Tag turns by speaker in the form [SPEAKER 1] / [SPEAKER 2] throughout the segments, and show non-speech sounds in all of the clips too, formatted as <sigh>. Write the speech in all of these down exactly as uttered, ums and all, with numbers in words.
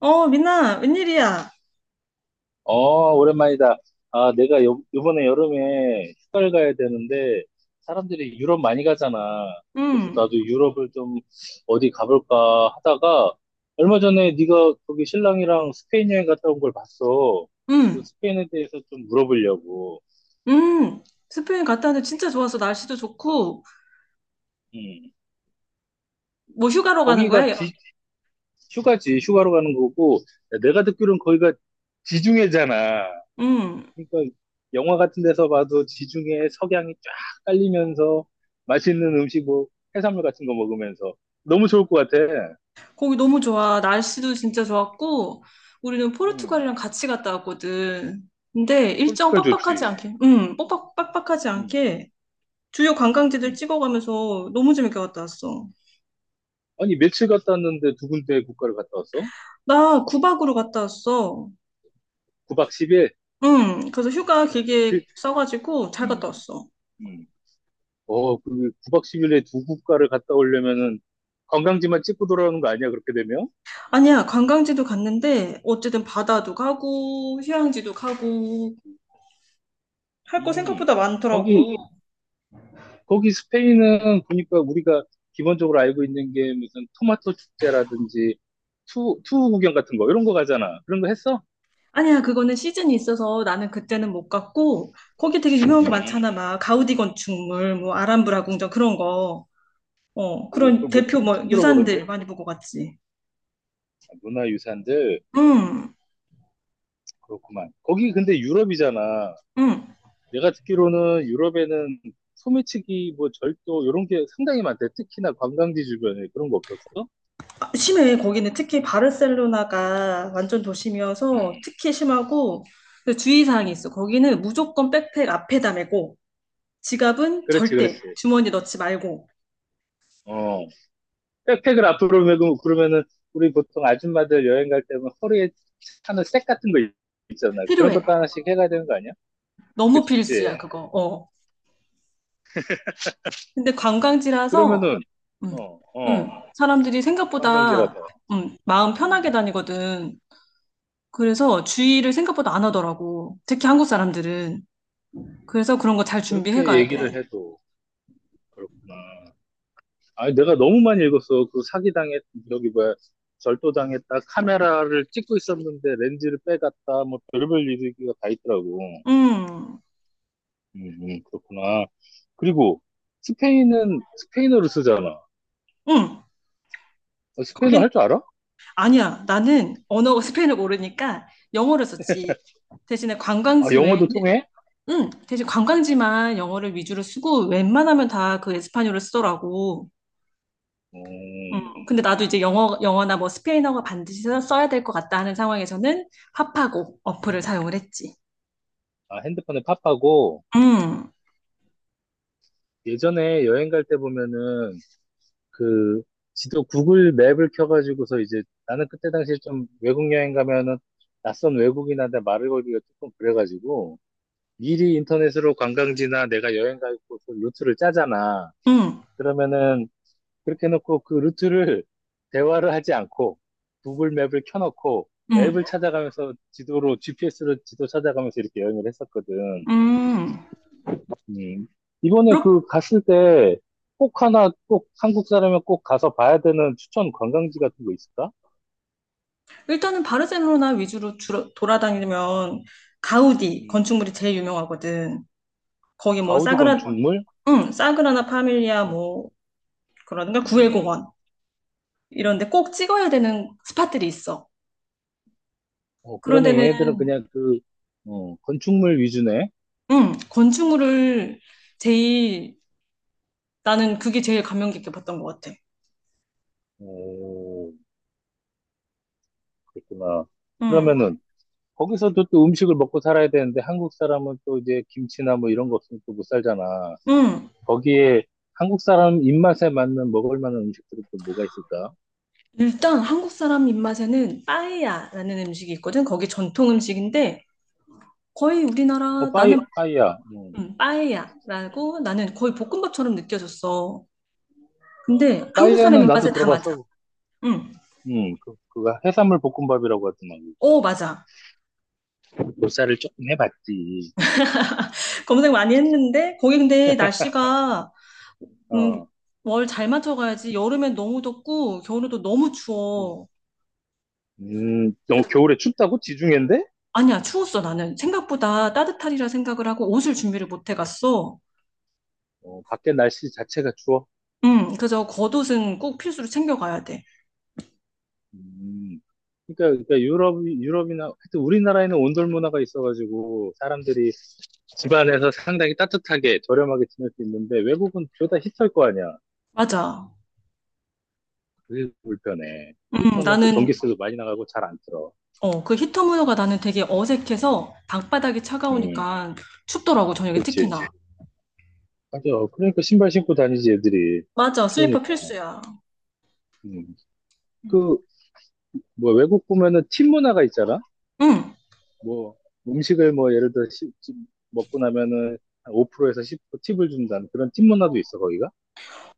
[SPEAKER 1] 어, 민아, 웬일이야?
[SPEAKER 2] 어, 오랜만이다. 아, 내가 요, 이번에 여름에 휴가를 가야 되는데, 사람들이 유럽 많이 가잖아. 그래서
[SPEAKER 1] 응,
[SPEAKER 2] 나도 유럽을 좀 어디 가볼까 하다가, 얼마 전에 네가 거기 신랑이랑 스페인 여행 갔다 온 걸 봤어. 그
[SPEAKER 1] 응,
[SPEAKER 2] 스페인에 대해서 좀 물어보려고.
[SPEAKER 1] 응. 스페인 갔다 왔는데 진짜 좋았어. 날씨도 좋고.
[SPEAKER 2] 음.
[SPEAKER 1] 뭐 휴가로 가는
[SPEAKER 2] 거기가
[SPEAKER 1] 거야?
[SPEAKER 2] 지- 휴가지, 휴가로 가는 거고, 내가 듣기로는 거기가 지중해잖아.
[SPEAKER 1] 응.
[SPEAKER 2] 그러니까 영화 같은 데서 봐도 지중해 석양이 쫙 깔리면서 맛있는 음식 뭐 해산물 같은 거 먹으면서 너무 좋을 것 같아.
[SPEAKER 1] 거기 너무 좋아. 날씨도 진짜 좋았고. 우리는
[SPEAKER 2] 음,
[SPEAKER 1] 포르투갈이랑 같이 갔다 왔거든. 근데 일정
[SPEAKER 2] 포르투갈
[SPEAKER 1] 빡빡하지
[SPEAKER 2] 좋지.
[SPEAKER 1] 않게, 응, 빡빡, 빡빡하지
[SPEAKER 2] 음,
[SPEAKER 1] 않게 주요 관광지들
[SPEAKER 2] 음.
[SPEAKER 1] 찍어가면서 너무 재밌게 갔다 왔어.
[SPEAKER 2] 아니 며칠 갔다 왔는데 두 군데 국가를 갔다 왔어?
[SPEAKER 1] 나 구 박으로 갔다 왔어.
[SPEAKER 2] 구 박 십 일?
[SPEAKER 1] 응, 그래서 휴가
[SPEAKER 2] 그,
[SPEAKER 1] 길게 써가지고 잘
[SPEAKER 2] 음,
[SPEAKER 1] 갔다 왔어.
[SPEAKER 2] 음. 어, 그 구 박 십 일에 두 국가를 갔다 오려면은 관광지만 찍고 돌아오는 거 아니야? 그렇게 되면?
[SPEAKER 1] 아니야, 관광지도 갔는데 어쨌든 바다도 가고, 휴양지도 가고, 할 거
[SPEAKER 2] 음.
[SPEAKER 1] 생각보다
[SPEAKER 2] 거기
[SPEAKER 1] 많더라고.
[SPEAKER 2] 거기 스페인은 보니까 우리가 기본적으로 알고 있는 게 무슨 토마토 축제라든지 투, 투우 구경 같은 거 이런 거 가잖아. 그런 거 했어?
[SPEAKER 1] 아니야, 그거는 시즌이 있어서 나는 그때는 못 갔고, 거기 되게 유명한 거 많잖아.
[SPEAKER 2] 음.
[SPEAKER 1] 막, 가우디 건축물, 뭐, 아람브라 궁전 그런 거. 어,
[SPEAKER 2] 오,
[SPEAKER 1] 그런
[SPEAKER 2] 그걸 뭐
[SPEAKER 1] 대표
[SPEAKER 2] 처음,
[SPEAKER 1] 뭐,
[SPEAKER 2] 처음 들어보는데? 아,
[SPEAKER 1] 유산들 많이 보고 갔지.
[SPEAKER 2] 문화유산들
[SPEAKER 1] 응,
[SPEAKER 2] 그렇구만. 거기 근데 유럽이잖아.
[SPEAKER 1] 응.
[SPEAKER 2] 내가 듣기로는 유럽에는 소매치기, 뭐 절도 이런 게 상당히 많대. 특히나 관광지 주변에 그런 거 없었어?
[SPEAKER 1] 아, 심해. 거기는 특히 바르셀로나가 완전 도심이어서
[SPEAKER 2] 음,
[SPEAKER 1] 특히 심하고, 그 주의사항이 있어.
[SPEAKER 2] 음.
[SPEAKER 1] 거기는 무조건 백팩 앞에다 메고, 지갑은
[SPEAKER 2] 그렇지,
[SPEAKER 1] 절대
[SPEAKER 2] 그렇지.
[SPEAKER 1] 주머니 넣지 말고.
[SPEAKER 2] 어, 백팩을 앞으로 메고 그러면은 우리 보통 아줌마들 여행 갈 때면 허리에 차는 색 같은 거 있잖아. 그런
[SPEAKER 1] 필요해.
[SPEAKER 2] 것도 하나씩 해가야 되는 거 아니야?
[SPEAKER 1] 너무 필수야,
[SPEAKER 2] 그치?
[SPEAKER 1] 그거. 어. 근데 관광지라서
[SPEAKER 2] 그러면은
[SPEAKER 1] 음,
[SPEAKER 2] 어,
[SPEAKER 1] 음,
[SPEAKER 2] 어,
[SPEAKER 1] 사람들이 생각보다
[SPEAKER 2] 관광지라서.
[SPEAKER 1] 음, 마음 편하게
[SPEAKER 2] 음,
[SPEAKER 1] 다니거든. 그래서 주의를 생각보다 안 하더라고. 특히 한국 사람들은. 그래서 그런 거 잘 준비해
[SPEAKER 2] 그렇게
[SPEAKER 1] 가야
[SPEAKER 2] 얘기를
[SPEAKER 1] 돼.
[SPEAKER 2] 해도 그렇구나. 아니, 내가 너무 많이 읽었어. 그 사기당했, 여기 뭐야, 절도당했다, 카메라를 찍고 있었는데 렌즈를 빼갔다, 뭐 별별 얘기가 다 있더라고.
[SPEAKER 1] 음,
[SPEAKER 2] 음, 음, 그렇구나. 그리고 스페인은 스페인어를 쓰잖아.
[SPEAKER 1] 음.
[SPEAKER 2] 어, 스페인어
[SPEAKER 1] 거긴
[SPEAKER 2] 할 줄 알아?
[SPEAKER 1] 아니야. 나는 언어 스페인을 <laughs> 모르니까 영어를 썼지. 대신에
[SPEAKER 2] 아,
[SPEAKER 1] 관광지 외에는.
[SPEAKER 2] 영어도 통해?
[SPEAKER 1] 응, 대신 관광지만 영어를 위주로 쓰고 웬만하면 다 그 에스파뇰을 쓰더라고. 음,
[SPEAKER 2] 음,
[SPEAKER 1] 근데 나도 이제 영어, 영어나 뭐 스페인어가 반드시 써- 써야 될 것 같다 하는 상황에서는 파파고 어플을
[SPEAKER 2] 음.
[SPEAKER 1] 사용을 했지.
[SPEAKER 2] 아, 핸드폰에 팝하고
[SPEAKER 1] 음,
[SPEAKER 2] 예전에 여행 갈 때 보면은 그 지도 구글 맵을 켜가지고서 이제 나는 그때 당시에 좀 외국 여행 가면은 낯선 외국인한테 말을 걸기가 조금 그래가지고 미리 인터넷으로 관광지나 내가 여행 갈 곳을 루트를 짜잖아.
[SPEAKER 1] 음,
[SPEAKER 2] 그러면은 그렇게 해놓고 그 루트를 대화를 하지 않고 구글 맵을 켜놓고
[SPEAKER 1] 음,
[SPEAKER 2] 앱을 찾아가면서 지도로 지피에스로 지도 찾아가면서 이렇게 여행을 했었거든.
[SPEAKER 1] 음.
[SPEAKER 2] 음. 이번에
[SPEAKER 1] 그렇,
[SPEAKER 2] 그 갔을 때 꼭 하나 꼭 한국 사람이 꼭 가서 봐야 되는 추천 관광지 같은 거 있을까?
[SPEAKER 1] 일단은 바르셀로나 위주로 주로 돌아다니면 가우디
[SPEAKER 2] 음.
[SPEAKER 1] 건축물이 제일 유명하거든. 거기 뭐
[SPEAKER 2] 가우디
[SPEAKER 1] 사그라,
[SPEAKER 2] 건축물?
[SPEAKER 1] 응, 사그라나 파밀리아
[SPEAKER 2] 어,
[SPEAKER 1] 뭐 그러든가
[SPEAKER 2] 음.
[SPEAKER 1] 구엘공원 이런 데 꼭 찍어야 되는 스팟들이 있어.
[SPEAKER 2] 어,
[SPEAKER 1] 그런
[SPEAKER 2] 그러면
[SPEAKER 1] 데는
[SPEAKER 2] 얘네들은 그냥 그 어, 건축물 위주네.
[SPEAKER 1] 응, 건축물을 제일, 나는 그게 제일 감명 깊게 봤던 것 같아.
[SPEAKER 2] 오, 그렇구나.
[SPEAKER 1] 응.
[SPEAKER 2] 그러면은 거기서도 또 음식을 먹고 살아야 되는데 한국 사람은 또 이제 김치나 뭐 이런 거 없으면 또 못 살잖아.
[SPEAKER 1] 음,
[SPEAKER 2] 거기에 한국 사람 입맛에 맞는 먹을 만한 음식들은 또 뭐가 있을까?
[SPEAKER 1] 일단 한국 사람 입맛에는 빠에야라는 음식이 있거든. 거기 전통 음식인데 거의
[SPEAKER 2] 어,
[SPEAKER 1] 우리나라,
[SPEAKER 2] 빠이,
[SPEAKER 1] 나는
[SPEAKER 2] 빠이야. 음.
[SPEAKER 1] 음, 빠에야라고 나는 거의 볶음밥처럼 느껴졌어. 근데 한국 사람
[SPEAKER 2] 빠이야는 나도
[SPEAKER 1] 입맛에 다 맞아.
[SPEAKER 2] 들어봤어.
[SPEAKER 1] 음,
[SPEAKER 2] 음, 그, 그거 해산물 볶음밥이라고 하더만, 그거.
[SPEAKER 1] 어 맞아.
[SPEAKER 2] 보살을 조금 해봤지.
[SPEAKER 1] <laughs> 검색 많이 했는데 거기 근데 날씨가 음,
[SPEAKER 2] 어,
[SPEAKER 1] 월 잘 맞춰가야지. 여름엔 너무 덥고 겨울에도 너무
[SPEAKER 2] 음,
[SPEAKER 1] 추워.
[SPEAKER 2] 음, 너
[SPEAKER 1] 그래서.
[SPEAKER 2] 겨울에 춥다고? 지중해인데?
[SPEAKER 1] 아니야, 추웠어. 나는 생각보다 따뜻하리라 생각을 하고 옷을 준비를 못 해갔어.
[SPEAKER 2] 어, 밖에 날씨 자체가 추워.
[SPEAKER 1] 음, 그래서 겉옷은 꼭 필수로 챙겨가야 돼.
[SPEAKER 2] 음, 그러니까, 그러니까 유럽, 유럽이나, 하여튼 우리나라에는 온돌 문화가 있어가지고, 사람들이 집안에서 상당히 따뜻하게, 저렴하게 지낼 수 있는데, 외국은 죄다 히터일 거 아니야.
[SPEAKER 1] 맞아.
[SPEAKER 2] 그게 불편해.
[SPEAKER 1] 음,
[SPEAKER 2] 히터는 또
[SPEAKER 1] 나는.
[SPEAKER 2] 전기세도 많이 나가고 잘 안 틀어.
[SPEAKER 1] 어, 그 히터 문화가 나는 되게 어색해서 방바닥이
[SPEAKER 2] 음,
[SPEAKER 1] 차가우니까 춥더라고, 저녁에 특히나.
[SPEAKER 2] 그렇지. 맞아. 그러니까 신발 신고 다니지, 애들이.
[SPEAKER 1] 맞아, 슬리퍼
[SPEAKER 2] 추우니까.
[SPEAKER 1] 필수야.
[SPEAKER 2] 음. 그, 뭐, 외국 보면은 팀 문화가 있잖아?
[SPEAKER 1] 응.
[SPEAKER 2] 뭐, 음식을 뭐, 예를 들어, 십- 집 먹고 나면은 한 오 퍼센트에서 십 프로 팁을 준다는 그런 팀 문화도 있어, 거기가?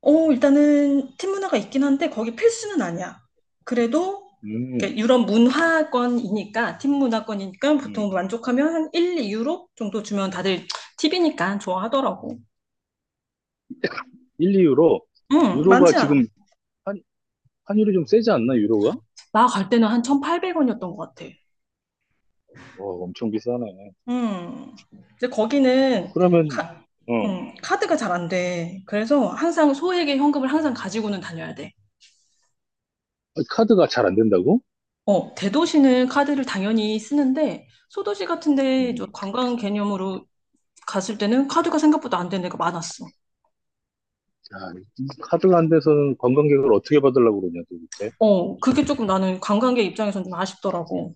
[SPEAKER 1] 어, 일단은 팀 문화가 있긴 한데 거기 필수는 아니야. 그래도
[SPEAKER 2] 음,
[SPEAKER 1] 이렇게 유럽 문화권이니까, 팀 문화권이니까 보통
[SPEAKER 2] 음.
[SPEAKER 1] 만족하면 한 일, 이 유로 정도 주면 다들 팁이니까 좋아하더라고.
[SPEAKER 2] 일, 이 유로.
[SPEAKER 1] 응,
[SPEAKER 2] 유로가
[SPEAKER 1] 많지 않아.
[SPEAKER 2] 지금 음. 환, 환율이 좀 세지 않나, 유로가?
[SPEAKER 1] 나 갈 때는 한 천팔백 원이었던 것 같아.
[SPEAKER 2] 어, 엄청 비싸네.
[SPEAKER 1] 음, 이제 거기는
[SPEAKER 2] 그러면,
[SPEAKER 1] 카,
[SPEAKER 2] 어,
[SPEAKER 1] 음, 카드가 잘 안 돼. 그래서 항상 소액의 현금을 항상 가지고는 다녀야 돼.
[SPEAKER 2] 카드가 잘 안 된다고?
[SPEAKER 1] 어, 대도시는 카드를 당연히 쓰는데 소도시
[SPEAKER 2] 음.
[SPEAKER 1] 같은데 저
[SPEAKER 2] 음.
[SPEAKER 1] 관광 개념으로 갔을 때는 카드가 생각보다 안 되는 데가 많았어.
[SPEAKER 2] 야, 이 카드가 안 돼서는 관광객을 어떻게 받으려고 그러냐, 도대체?
[SPEAKER 1] 어, 그게 조금 나는 관광객 입장에선 좀 아쉽더라고.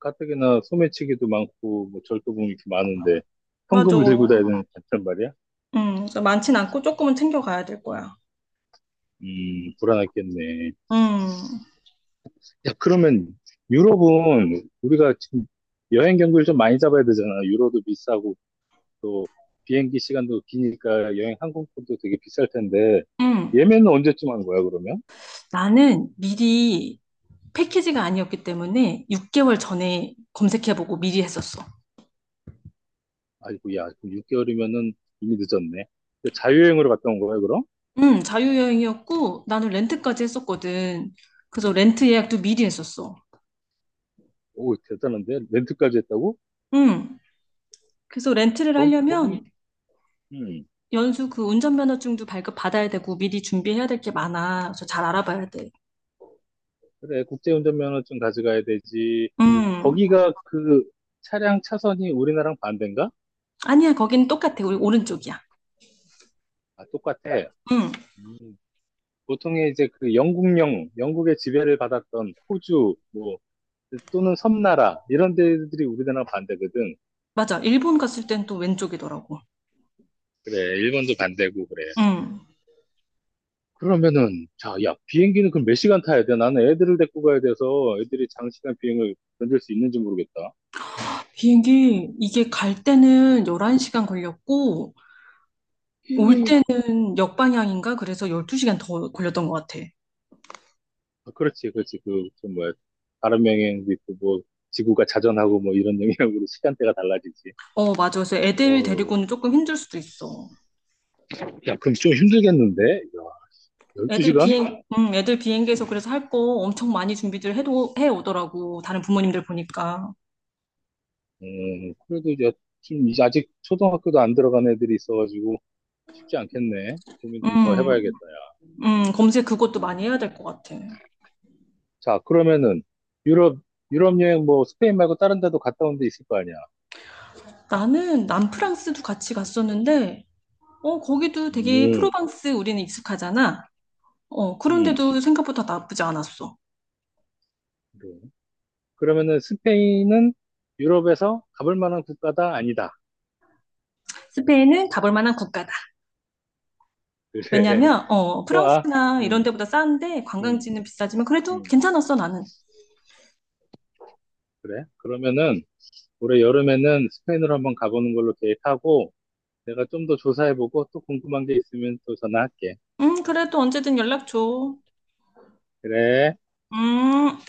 [SPEAKER 2] 가뜩이나 소매치기도 많고, 뭐, 절도범이 이렇게 많은데, 현금을 들고
[SPEAKER 1] 맞아.
[SPEAKER 2] 다니는 단 말이야.
[SPEAKER 1] 음, 그래서 많진 않고 조금은 챙겨가야 될 거야.
[SPEAKER 2] 음, 불안했겠네.
[SPEAKER 1] 음,
[SPEAKER 2] 야, 그러면 유럽은 우리가 지금 여행 경비를 좀 많이 잡아야 되잖아. 유로도 비싸고 또 비행기 시간도 기니까 여행 항공권도 되게 비쌀 텐데
[SPEAKER 1] 음.
[SPEAKER 2] 예매는 언제쯤 하는 거야, 그러면?
[SPEAKER 1] 나는 미리, 패키지가 아니었기 때문에 육 개월 전에 검색해보고 미리 했었어.
[SPEAKER 2] 아이고, 야, 육 개월이면은 이미 늦었네. 근데 자유여행으로 갔다 온 거야, 그럼?
[SPEAKER 1] 응, 자유여행이었고 나는 렌트까지 했었거든. 그래서 렌트 예약도 미리 했었어.
[SPEAKER 2] 오, 대단한데? 렌트까지 했다고?
[SPEAKER 1] 응. 그래서 렌트를
[SPEAKER 2] 거기, 거기,
[SPEAKER 1] 하려면
[SPEAKER 2] 음,
[SPEAKER 1] 연수 그 운전면허증도 발급 받아야 되고 미리 준비해야 될 게 많아. 그래서 잘 알아봐야 돼.
[SPEAKER 2] 그래. 국제운전면허증 가져가야 되지.
[SPEAKER 1] 응.
[SPEAKER 2] 거기가 그 차량 차선이 우리나라랑 반대인가?
[SPEAKER 1] 아니야, 거긴 똑같아. 우리 오른쪽이야.
[SPEAKER 2] 아, 똑같아.
[SPEAKER 1] 응.
[SPEAKER 2] 음, 보통의 이제 그 영국령, 영국의 지배를 받았던 호주, 뭐, 또는 섬나라, 이런 데들이 우리나라 반대거든.
[SPEAKER 1] 맞아, 일본 갔을 땐 또 왼쪽이더라고.
[SPEAKER 2] 그래, 일본도 반대고 그래.
[SPEAKER 1] 응.
[SPEAKER 2] 그러면은, 자, 야, 비행기는 그럼 몇 시간 타야 돼? 나는 애들을 데리고 가야 돼서 애들이 장시간 비행을 견딜 수 있는지 모르겠다.
[SPEAKER 1] 비행기 이게 갈 때는
[SPEAKER 2] 음.
[SPEAKER 1] 열한 시간 걸렸고 올 때는 역방향인가 그래서 열두 시간 더 걸렸던 것 같아.
[SPEAKER 2] 아, 그렇지, 그렇지. 그, 그 뭐야. 다른 명행도 있고, 뭐, 지구가 자전하고 뭐 이런 영향으로 시간대가 달라지지.
[SPEAKER 1] 어, 맞아. 그래서 애들
[SPEAKER 2] 어,
[SPEAKER 1] 데리고는 조금 힘들 수도 있어.
[SPEAKER 2] 야, 그럼 좀 힘들겠는데? 야,
[SPEAKER 1] 애들
[SPEAKER 2] 열두 시간?
[SPEAKER 1] 비행, 음, 애들 비행기에서 그래서 할 거 엄청 많이 준비들 해도, 해 오더라고. 다른 부모님들 보니까.
[SPEAKER 2] 음, 그래도 이제 좀 이제 아직 초등학교도 안 들어간 애들이 있어가지고 쉽지 않겠네. 고민 좀 더
[SPEAKER 1] 음,
[SPEAKER 2] 해봐야겠다, 야.
[SPEAKER 1] 음, 검색 그것도 많이 해야 될 것
[SPEAKER 2] 음.
[SPEAKER 1] 같아.
[SPEAKER 2] 자, 그러면은 유럽, 유럽 여행 뭐 스페인 말고 다른 데도 갔다 온데 있을 거 아니야.
[SPEAKER 1] 나는 남프랑스도 같이 갔었는데, 어, 거기도 되게
[SPEAKER 2] 음,
[SPEAKER 1] 프로방스 우리는 익숙하잖아. 어,
[SPEAKER 2] 음,
[SPEAKER 1] 그런데도 생각보다 나쁘지 않았어.
[SPEAKER 2] 그래. 그러면은 스페인은 유럽에서 가볼 만한 국가다? 아니다.
[SPEAKER 1] 스페인은 가볼 만한 국가다.
[SPEAKER 2] 그래. <laughs>
[SPEAKER 1] 왜냐면 어
[SPEAKER 2] 좋아.
[SPEAKER 1] 프랑스나 이런
[SPEAKER 2] 음,
[SPEAKER 1] 데보다 싼데,
[SPEAKER 2] 음,
[SPEAKER 1] 관광지는 비싸지만 그래도
[SPEAKER 2] 음.
[SPEAKER 1] 괜찮았어 나는.
[SPEAKER 2] 그래. 그러면은 올해 여름에는 스페인으로 한번 가보는 걸로 계획하고 내가 좀 더 조사해보고 또 궁금한 게 있으면 또 전화할게.
[SPEAKER 1] 음 그래도 언제든 연락 줘.
[SPEAKER 2] 그래.
[SPEAKER 1] 음.